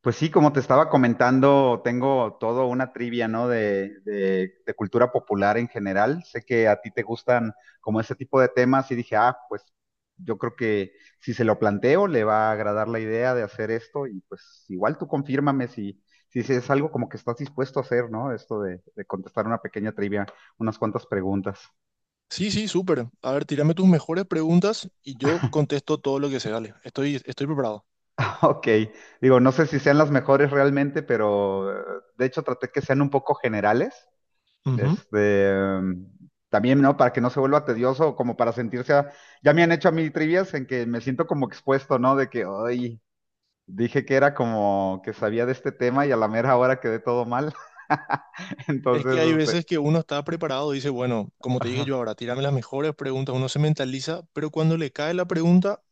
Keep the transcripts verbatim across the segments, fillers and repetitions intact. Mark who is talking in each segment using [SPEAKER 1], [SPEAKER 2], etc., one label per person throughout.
[SPEAKER 1] Pues sí, como te estaba comentando, tengo todo una trivia, ¿no? De, de- de cultura popular en general. Sé que a ti te gustan como ese tipo de temas y dije, ah, pues yo creo que si se lo planteo, le va a agradar la idea de hacer esto y pues igual tú confírmame si, si es algo como que estás dispuesto a hacer, ¿no? Esto de, de contestar una pequeña trivia, unas cuantas preguntas.
[SPEAKER 2] Sí, sí, súper. A ver, tírame tus mejores preguntas y yo contesto todo lo que se Dale, estoy, estoy preparado.
[SPEAKER 1] Ok, digo, no sé si sean las mejores realmente, pero eh, de hecho traté que sean un poco generales.
[SPEAKER 2] Ujú.
[SPEAKER 1] Este, em, También, ¿no? Para que no se vuelva tedioso, como para sentirse, a- ya me han hecho a mí trivias en que me siento como expuesto, ¿no? De que, hoy dije que era como que sabía de este tema y a la mera hora quedé todo mal.
[SPEAKER 2] Es
[SPEAKER 1] Entonces,
[SPEAKER 2] que hay
[SPEAKER 1] este,
[SPEAKER 2] veces que uno está preparado y dice, bueno, como te dije
[SPEAKER 1] ajá.
[SPEAKER 2] yo ahora, tírame las mejores preguntas, uno se mentaliza, pero cuando le cae la pregunta,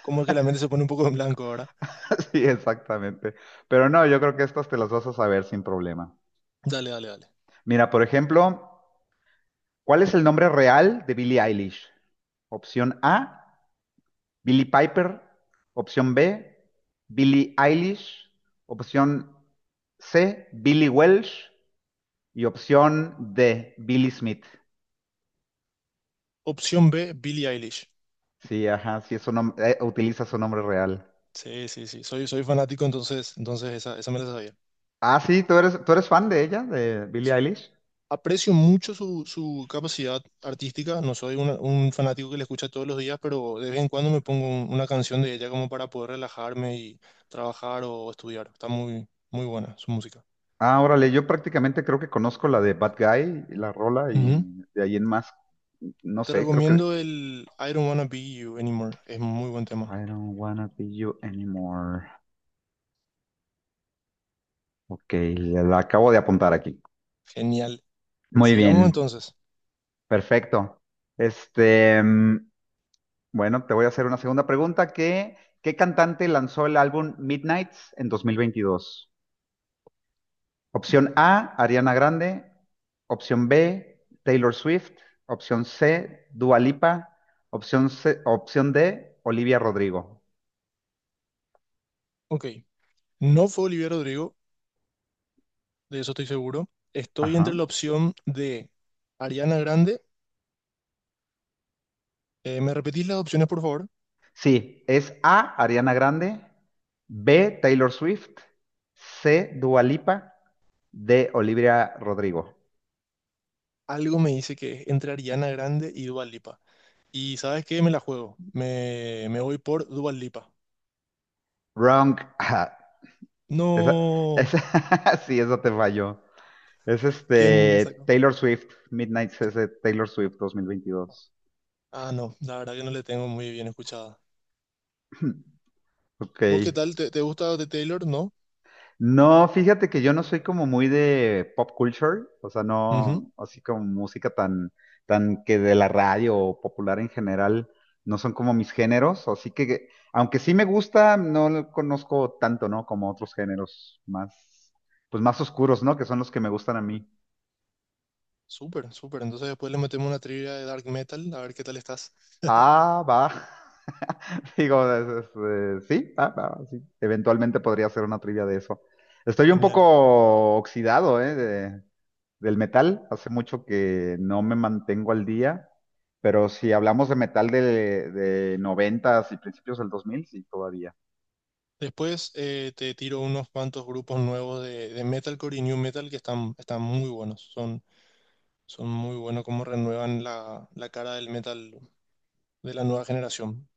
[SPEAKER 2] como que la mente se pone un poco en blanco ahora.
[SPEAKER 1] Sí, exactamente. Pero no, yo creo que estas te las vas a saber sin problema.
[SPEAKER 2] Dale, dale, dale.
[SPEAKER 1] Mira, por ejemplo, ¿cuál es el nombre real de Billie Eilish? Opción A, Billy Piper, opción B, Billie Eilish, opción C, Billy Welsh y opción D, Billy Smith.
[SPEAKER 2] Opción B, Billie Eilish.
[SPEAKER 1] Sí, ajá, sí, es su nom- eh, utiliza su nombre real.
[SPEAKER 2] Sí, sí, sí, soy, soy fanático, entonces, entonces esa, esa me la sabía.
[SPEAKER 1] Ah, sí, ¿tú eres, tú eres fan de ella, de Billie Eilish?
[SPEAKER 2] Aprecio mucho su, su capacidad artística, no soy una- un fanático que le escucha todos los días, pero de vez en cuando me pongo un- una canción de ella como para poder relajarme y trabajar o estudiar. Está muy, muy buena su música.
[SPEAKER 1] Ah, órale, yo prácticamente creo que conozco la de Bad Guy, la rola,
[SPEAKER 2] Ujú.
[SPEAKER 1] y de ahí en más, no
[SPEAKER 2] Te
[SPEAKER 1] sé, creo que...
[SPEAKER 2] recomiendo el I Don't Wanna Be You Anymore, es muy buen tema.
[SPEAKER 1] I don't wanna be you anymore. Ok, la la acabo de apuntar aquí.
[SPEAKER 2] Genial.
[SPEAKER 1] Muy
[SPEAKER 2] Sigamos
[SPEAKER 1] bien.
[SPEAKER 2] entonces.
[SPEAKER 1] Perfecto. Este, mm, bueno, te voy a hacer una segunda pregunta. ¿Qué, qué cantante lanzó el álbum Midnights en dos mil veintidós? Opción A, Ariana Grande. Opción B, Taylor Swift. Opción C, Dua Lipa. Opción C- opción D, Olivia Rodrigo.
[SPEAKER 2] Ok, no fue Olivia Rodrigo, de eso estoy seguro. Estoy entre la
[SPEAKER 1] Ajá.
[SPEAKER 2] opción de Ariana Grande. Eh, ¿me repetís las opciones, por favor?
[SPEAKER 1] Sí, es A, Ariana Grande. B, Taylor Swift. C, Dua Lipa. D, Olivia Rodrigo.
[SPEAKER 2] Algo me dice que es entre Ariana Grande y Dua Lipa. Y ¿sabes qué? Me la juego. Me, me voy por Dua Lipa.
[SPEAKER 1] Wrong. Esa,
[SPEAKER 2] No.
[SPEAKER 1] esa, sí, esa te falló. Es
[SPEAKER 2] ¿Quién
[SPEAKER 1] este
[SPEAKER 2] sacó?
[SPEAKER 1] Taylor Swift, Midnight ese Taylor Swift dos mil veintidós.
[SPEAKER 2] Ah, no. La verdad que no le tengo muy bien escuchada.
[SPEAKER 1] Ok.
[SPEAKER 2] ¿Vos qué tal? ¿Te, te gusta de Taylor? ¿No?
[SPEAKER 1] No, fíjate que yo no soy como muy de pop culture, o sea,
[SPEAKER 2] Ujú.
[SPEAKER 1] no, así como música tan, tan que de la radio o popular en general, no son como mis géneros, así que, aunque sí me gusta, no lo conozco tanto, ¿no? Como otros géneros más, pues más oscuros, ¿no? Que son los que me gustan a mí.
[SPEAKER 2] Súper, súper. Entonces después le metemos una trivia de Dark Metal. A ver qué tal estás.
[SPEAKER 1] Ah, va. Digo, es- es, eh, sí, va, va, sí. Eventualmente podría ser una trivia de eso. Estoy un
[SPEAKER 2] Genial.
[SPEAKER 1] poco oxidado, ¿eh? De- del metal. Hace mucho que no me mantengo al día, pero si hablamos de metal de, de noventas y principios del dos mil, sí, todavía.
[SPEAKER 2] Después eh, te tiro unos cuantos grupos nuevos de, de Metalcore y New Metal que están, están muy buenos. Son, son muy buenos como renuevan la, la cara del metal de la nueva generación.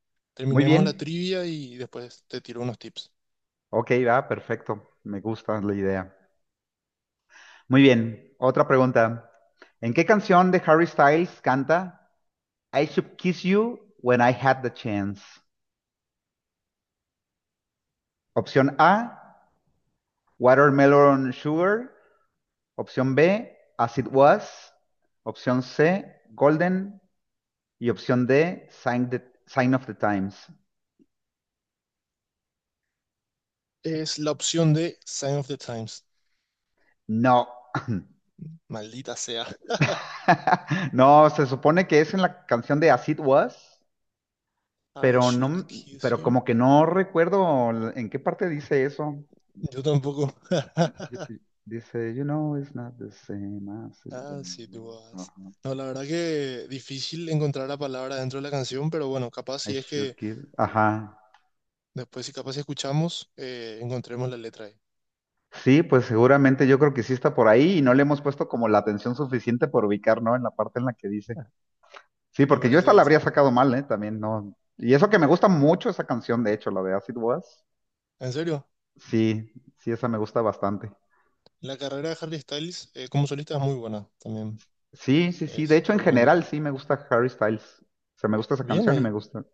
[SPEAKER 1] Muy
[SPEAKER 2] Terminemos la
[SPEAKER 1] bien.
[SPEAKER 2] trivia y después te tiro unos tips.
[SPEAKER 1] Ok, va, perfecto. Me gusta la idea. Muy bien. Otra pregunta. ¿En qué canción de Harry Styles canta I Should Kiss You When I Had the Chance? Opción A, Watermelon Sugar. Opción B, As It Was. Opción C, Golden. Y opción D, Sign, the- Sign of the Times.
[SPEAKER 2] Es la opción de Sign of the Times.
[SPEAKER 1] No.
[SPEAKER 2] Maldita sea.
[SPEAKER 1] No, se supone que es en la canción de As It Was,
[SPEAKER 2] I
[SPEAKER 1] pero no,
[SPEAKER 2] should kiss
[SPEAKER 1] pero
[SPEAKER 2] you.
[SPEAKER 1] como que no recuerdo en qué parte dice eso.
[SPEAKER 2] Yo tampoco.
[SPEAKER 1] Dice, you know, it's not the same as it
[SPEAKER 2] as it
[SPEAKER 1] was.
[SPEAKER 2] was.
[SPEAKER 1] Ajá.
[SPEAKER 2] No, la verdad que difícil encontrar la palabra dentro de la canción, pero bueno, capaz
[SPEAKER 1] I
[SPEAKER 2] si es
[SPEAKER 1] should
[SPEAKER 2] que
[SPEAKER 1] give. Ajá.
[SPEAKER 2] después, si capaz si escuchamos, eh, encontremos la letra ahí.
[SPEAKER 1] Sí, pues seguramente yo creo que sí está por ahí y no le hemos puesto como la atención suficiente por ubicar, ¿no? En la parte en la que dice. Sí,
[SPEAKER 2] Me
[SPEAKER 1] porque yo
[SPEAKER 2] parece
[SPEAKER 1] esta la
[SPEAKER 2] que
[SPEAKER 1] habría
[SPEAKER 2] sí.
[SPEAKER 1] sacado mal, ¿eh? También, ¿no? Y eso que me gusta mucho esa canción, de hecho, la de Acid Was.
[SPEAKER 2] En serio,
[SPEAKER 1] Sí, sí, esa me gusta bastante.
[SPEAKER 2] la carrera de Harry Styles eh, como solista es muy buena también.
[SPEAKER 1] Sí, sí, sí. De
[SPEAKER 2] Es
[SPEAKER 1] hecho, en general
[SPEAKER 2] recomendable.
[SPEAKER 1] sí me gusta Harry Styles. O sea, me gusta esa
[SPEAKER 2] Bien
[SPEAKER 1] canción y me
[SPEAKER 2] ahí,
[SPEAKER 1] gusta.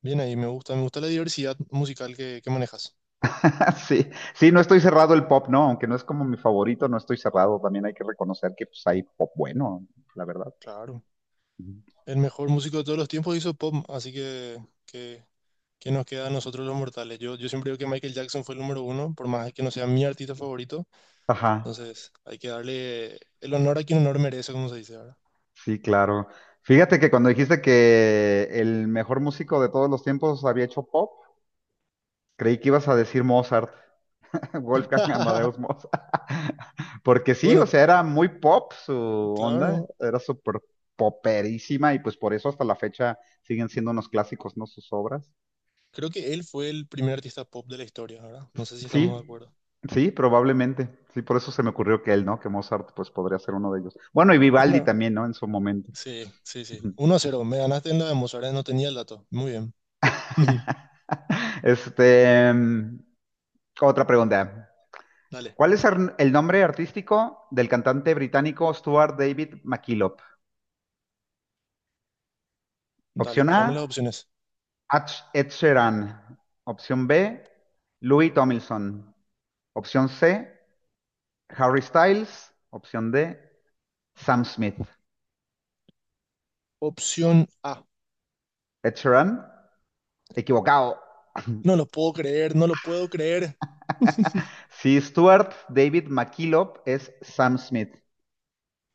[SPEAKER 2] bien ahí. Me gusta, me gusta la diversidad musical que, que manejas.
[SPEAKER 1] Sí, sí, no estoy cerrado el pop, no, aunque no es como mi favorito, no estoy cerrado. También hay que reconocer que pues hay pop bueno, la verdad.
[SPEAKER 2] Claro.
[SPEAKER 1] Ujú.
[SPEAKER 2] El mejor músico de todos los tiempos hizo pop, así que, que, que nos queda a nosotros los mortales. Yo, yo siempre digo que Michael Jackson fue el número uno, por más que no sea mi artista favorito.
[SPEAKER 1] Ajá.
[SPEAKER 2] Entonces, hay que darle el honor a quien honor merece, como se dice ahora.
[SPEAKER 1] Sí, claro. Fíjate que cuando dijiste que el mejor músico de todos los tiempos había hecho pop, creí que ibas a decir Mozart, Wolfgang Amadeus Mozart. Porque sí, o
[SPEAKER 2] Bueno,
[SPEAKER 1] sea, era muy pop su onda,
[SPEAKER 2] claro.
[SPEAKER 1] era súper poperísima y pues por eso hasta la fecha siguen siendo unos clásicos, ¿no? Sus obras.
[SPEAKER 2] Creo que él fue el primer artista pop de la historia, ¿verdad? No sé si estamos de
[SPEAKER 1] Sí,
[SPEAKER 2] acuerdo.
[SPEAKER 1] sí, probablemente. Sí, por eso se me ocurrió que él, ¿no? Que Mozart pues podría ser uno de ellos. Bueno, y Vivaldi
[SPEAKER 2] Una.
[SPEAKER 1] también, ¿no? En su momento.
[SPEAKER 2] Sí, sí, sí. Uno a cero. Me ganaste en la de Mozart, ¿eh? No tenía el dato. Muy bien.
[SPEAKER 1] Este, mm, Otra pregunta.
[SPEAKER 2] Dale,
[SPEAKER 1] ¿Cuál es ar- el nombre artístico del cantante británico Stuart David McKillop?
[SPEAKER 2] dale,
[SPEAKER 1] Opción A,
[SPEAKER 2] tírame las opciones.
[SPEAKER 1] Ach- Ed Sheeran. Opción B, Louis Tomlinson. Opción C, Harry Styles. Opción D, Sam Smith.
[SPEAKER 2] Opción A.
[SPEAKER 1] Ed Sheeran, equivocado.
[SPEAKER 2] No lo puedo creer, no lo puedo creer.
[SPEAKER 1] Sí, Stuart David McKillop es Sam Smith.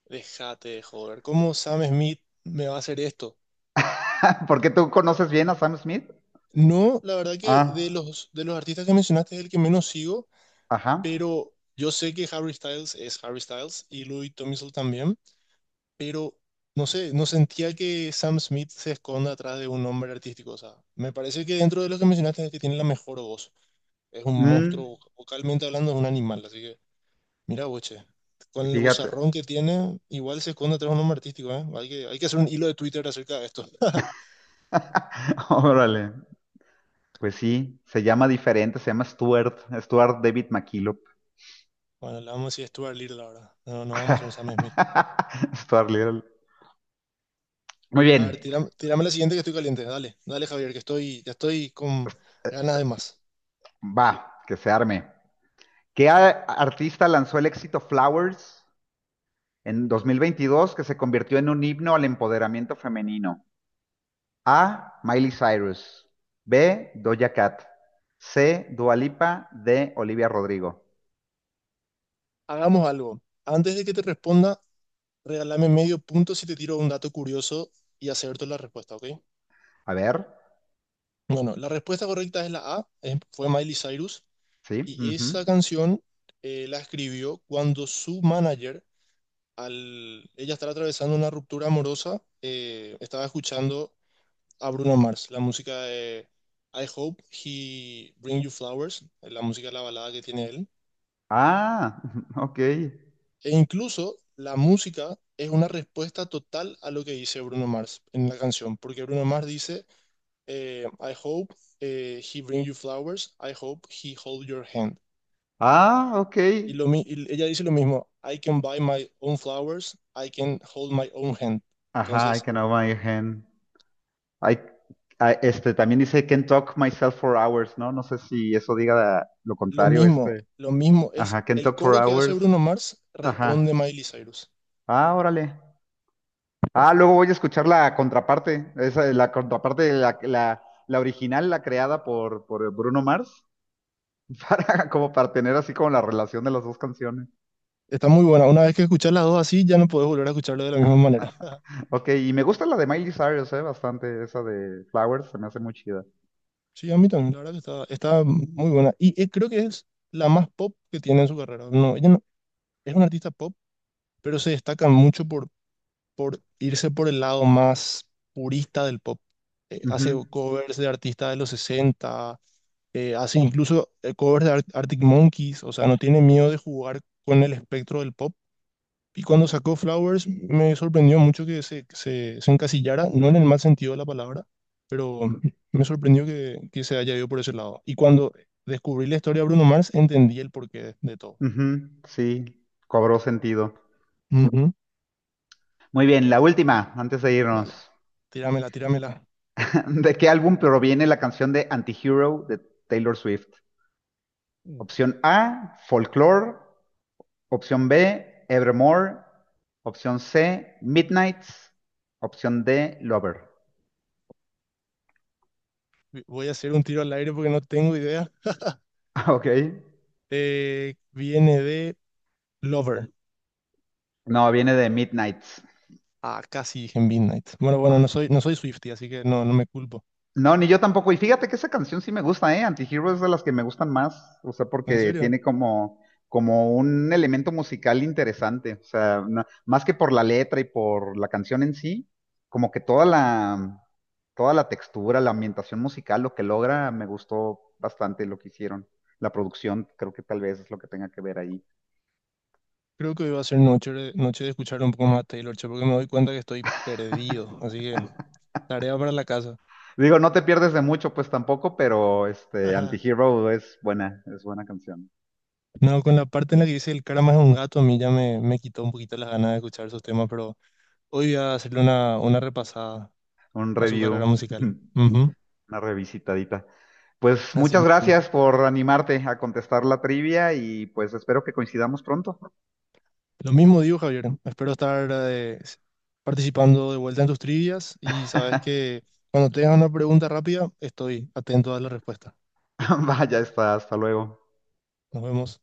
[SPEAKER 2] Déjate de joder. ¿Cómo Sam Smith me va a hacer esto?
[SPEAKER 1] ¿Por qué tú conoces bien a Sam Smith?
[SPEAKER 2] No, la verdad que de
[SPEAKER 1] Ah,
[SPEAKER 2] los, de los artistas que mencionaste es el que menos sigo,
[SPEAKER 1] ajá.
[SPEAKER 2] pero yo sé que Harry Styles es Harry Styles y Louis Tomlinson también, pero no sé, no sentía que Sam Smith se esconda atrás de un nombre artístico. O sea, me parece que dentro de los que mencionaste es el que tiene la mejor voz. Es un
[SPEAKER 1] Mm,
[SPEAKER 2] monstruo, voc- vocalmente hablando, es un animal. Así que, mira, boche, con el
[SPEAKER 1] Fíjate.
[SPEAKER 2] vozarrón que tiene, igual se esconde atrás de un nombre artístico, ¿eh? Hay que, hay que hacer un hilo de Twitter acerca de esto.
[SPEAKER 1] Órale. Pues sí, se llama diferente, se llama Stuart, Stuart David McKillop.
[SPEAKER 2] Bueno, le vamos a decir Stuart Little ahora. No, no vamos a hacer Sam Smith.
[SPEAKER 1] Stuart Little. Muy
[SPEAKER 2] A ver,
[SPEAKER 1] bien,
[SPEAKER 2] tírame, tírame la siguiente que estoy caliente. Dale, dale, Javier, que estoy, ya estoy con ganas de más.
[SPEAKER 1] va, que se arme. ¿Qué a- artista lanzó el éxito Flowers en dos mil veintidós que se convirtió en un himno al empoderamiento femenino? A. Miley Cyrus. B. Doja Cat. C. Dua Lipa. D. Olivia Rodrigo.
[SPEAKER 2] Hagamos algo. Antes de que te responda, regálame medio punto si te tiro un dato curioso y acierto la respuesta, ¿ok?
[SPEAKER 1] A ver,
[SPEAKER 2] Bueno, la respuesta correcta es la A, es- fue Miley Cyrus.
[SPEAKER 1] sí.
[SPEAKER 2] Y
[SPEAKER 1] Ujú.
[SPEAKER 2] esa canción eh, la escribió cuando su manager, al ella estar atravesando una ruptura amorosa, eh, estaba escuchando a Bruno Mars, la música de I Hope He Bring You Flowers, eh, la música de la balada que tiene él.
[SPEAKER 1] Ah, ok.
[SPEAKER 2] E incluso la música es una respuesta total a lo que dice Bruno Mars en la canción, porque Bruno Mars dice, eh, I hope eh, he bring you flowers, I hope he hold your hand.
[SPEAKER 1] Ah, ok.
[SPEAKER 2] Y, lo, mi- y ella dice lo mismo, I can buy my own flowers, I can hold my own hand.
[SPEAKER 1] Ajá, I
[SPEAKER 2] Entonces,
[SPEAKER 1] can hold my hand. I, I- este, también dice can talk myself for hours, ¿no? No sé si eso diga la- lo
[SPEAKER 2] lo
[SPEAKER 1] contrario,
[SPEAKER 2] mismo,
[SPEAKER 1] este.
[SPEAKER 2] lo mismo es
[SPEAKER 1] Ajá, can
[SPEAKER 2] el
[SPEAKER 1] talk for
[SPEAKER 2] coro que hace
[SPEAKER 1] hours.
[SPEAKER 2] Bruno Mars,
[SPEAKER 1] Ajá.
[SPEAKER 2] responde Miley Cyrus.
[SPEAKER 1] Ah, órale. Ah, luego voy a escuchar la contraparte. Esa, la contraparte, la, la, la original, la creada por, por Bruno Mars, para, como para tener así como la relación de las dos canciones.
[SPEAKER 2] Está muy buena. Una vez que escuchas las dos así, ya no puedes volver a escucharlo de la misma manera.
[SPEAKER 1] Ok, y me gusta la de Miley Cyrus, eh, bastante, esa de Flowers, se me hace muy chida.
[SPEAKER 2] Sí, a mí también, la verdad que está, está muy buena. Y eh, creo que es la más pop que tiene en su carrera. No, ella no- es una artista pop, pero se destaca mucho por, por irse por el lado más purista del pop. Eh, hace
[SPEAKER 1] Ujú,
[SPEAKER 2] covers de artistas de los sesenta, eh, hace incluso eh, covers de Ar- Arctic Monkeys, o sea, no tiene miedo de jugar con el espectro del pop. Y cuando sacó Flowers, me sorprendió mucho que se, se, se encasillara, no en el mal sentido de la palabra, pero me sorprendió que, que se haya ido por ese lado. Y cuando descubrí la historia de Bruno Mars, entendí el porqué de todo.
[SPEAKER 1] ujú, sí, cobró sentido.
[SPEAKER 2] Ujú.
[SPEAKER 1] Muy bien, la última, antes de
[SPEAKER 2] Dale,
[SPEAKER 1] irnos.
[SPEAKER 2] tíramela, tíramela.
[SPEAKER 1] ¿De qué álbum proviene la canción de Antihero de Taylor Swift?
[SPEAKER 2] Uh,
[SPEAKER 1] Opción A, Folklore. Opción B, Evermore. Opción C, Midnights. Opción D, Lover.
[SPEAKER 2] Voy a hacer un tiro al aire porque no tengo idea.
[SPEAKER 1] Ok.
[SPEAKER 2] Eh, viene de Lover.
[SPEAKER 1] No, viene de Midnights.
[SPEAKER 2] Ah, casi dije en Midnight. Bueno, bueno, no soy, no soy Swiftie, así que no, no me culpo.
[SPEAKER 1] No, ni yo tampoco. Y fíjate que esa canción sí me gusta, ¿eh? Antihero es de las que me gustan más, o sea,
[SPEAKER 2] ¿En
[SPEAKER 1] porque
[SPEAKER 2] serio?
[SPEAKER 1] tiene como, como un elemento musical interesante, o sea, no- más que por la letra y por la canción en sí, como que toda la, toda la textura, la ambientación musical, lo que logra, me gustó bastante lo que hicieron. La producción, creo que tal vez es lo que tenga que ver ahí.
[SPEAKER 2] Creo que hoy va a ser noche, de- noche de escuchar un poco más a Taylor, che, porque me doy cuenta que estoy perdido. Así que, tarea para la casa.
[SPEAKER 1] Digo, no te pierdes de mucho, pues tampoco, pero este, Antihero es buena, es buena canción.
[SPEAKER 2] No, con la parte en la que dice el cara más un gato, a mí ya me, me quitó un poquito las ganas de escuchar esos temas, pero hoy voy a hacerle una, una repasada
[SPEAKER 1] Un
[SPEAKER 2] a su
[SPEAKER 1] review.
[SPEAKER 2] carrera musical. Ujú.
[SPEAKER 1] Una revisitadita. Pues
[SPEAKER 2] Así
[SPEAKER 1] muchas
[SPEAKER 2] mismo.
[SPEAKER 1] gracias por animarte a contestar la trivia y pues espero que coincidamos pronto.
[SPEAKER 2] Lo mismo digo, Javier. Espero estar eh, s- participando de vuelta en tus trivias y sabes que cuando tengas una pregunta rápida, estoy atento a la respuesta.
[SPEAKER 1] Vaya, está, hasta luego.
[SPEAKER 2] Nos vemos.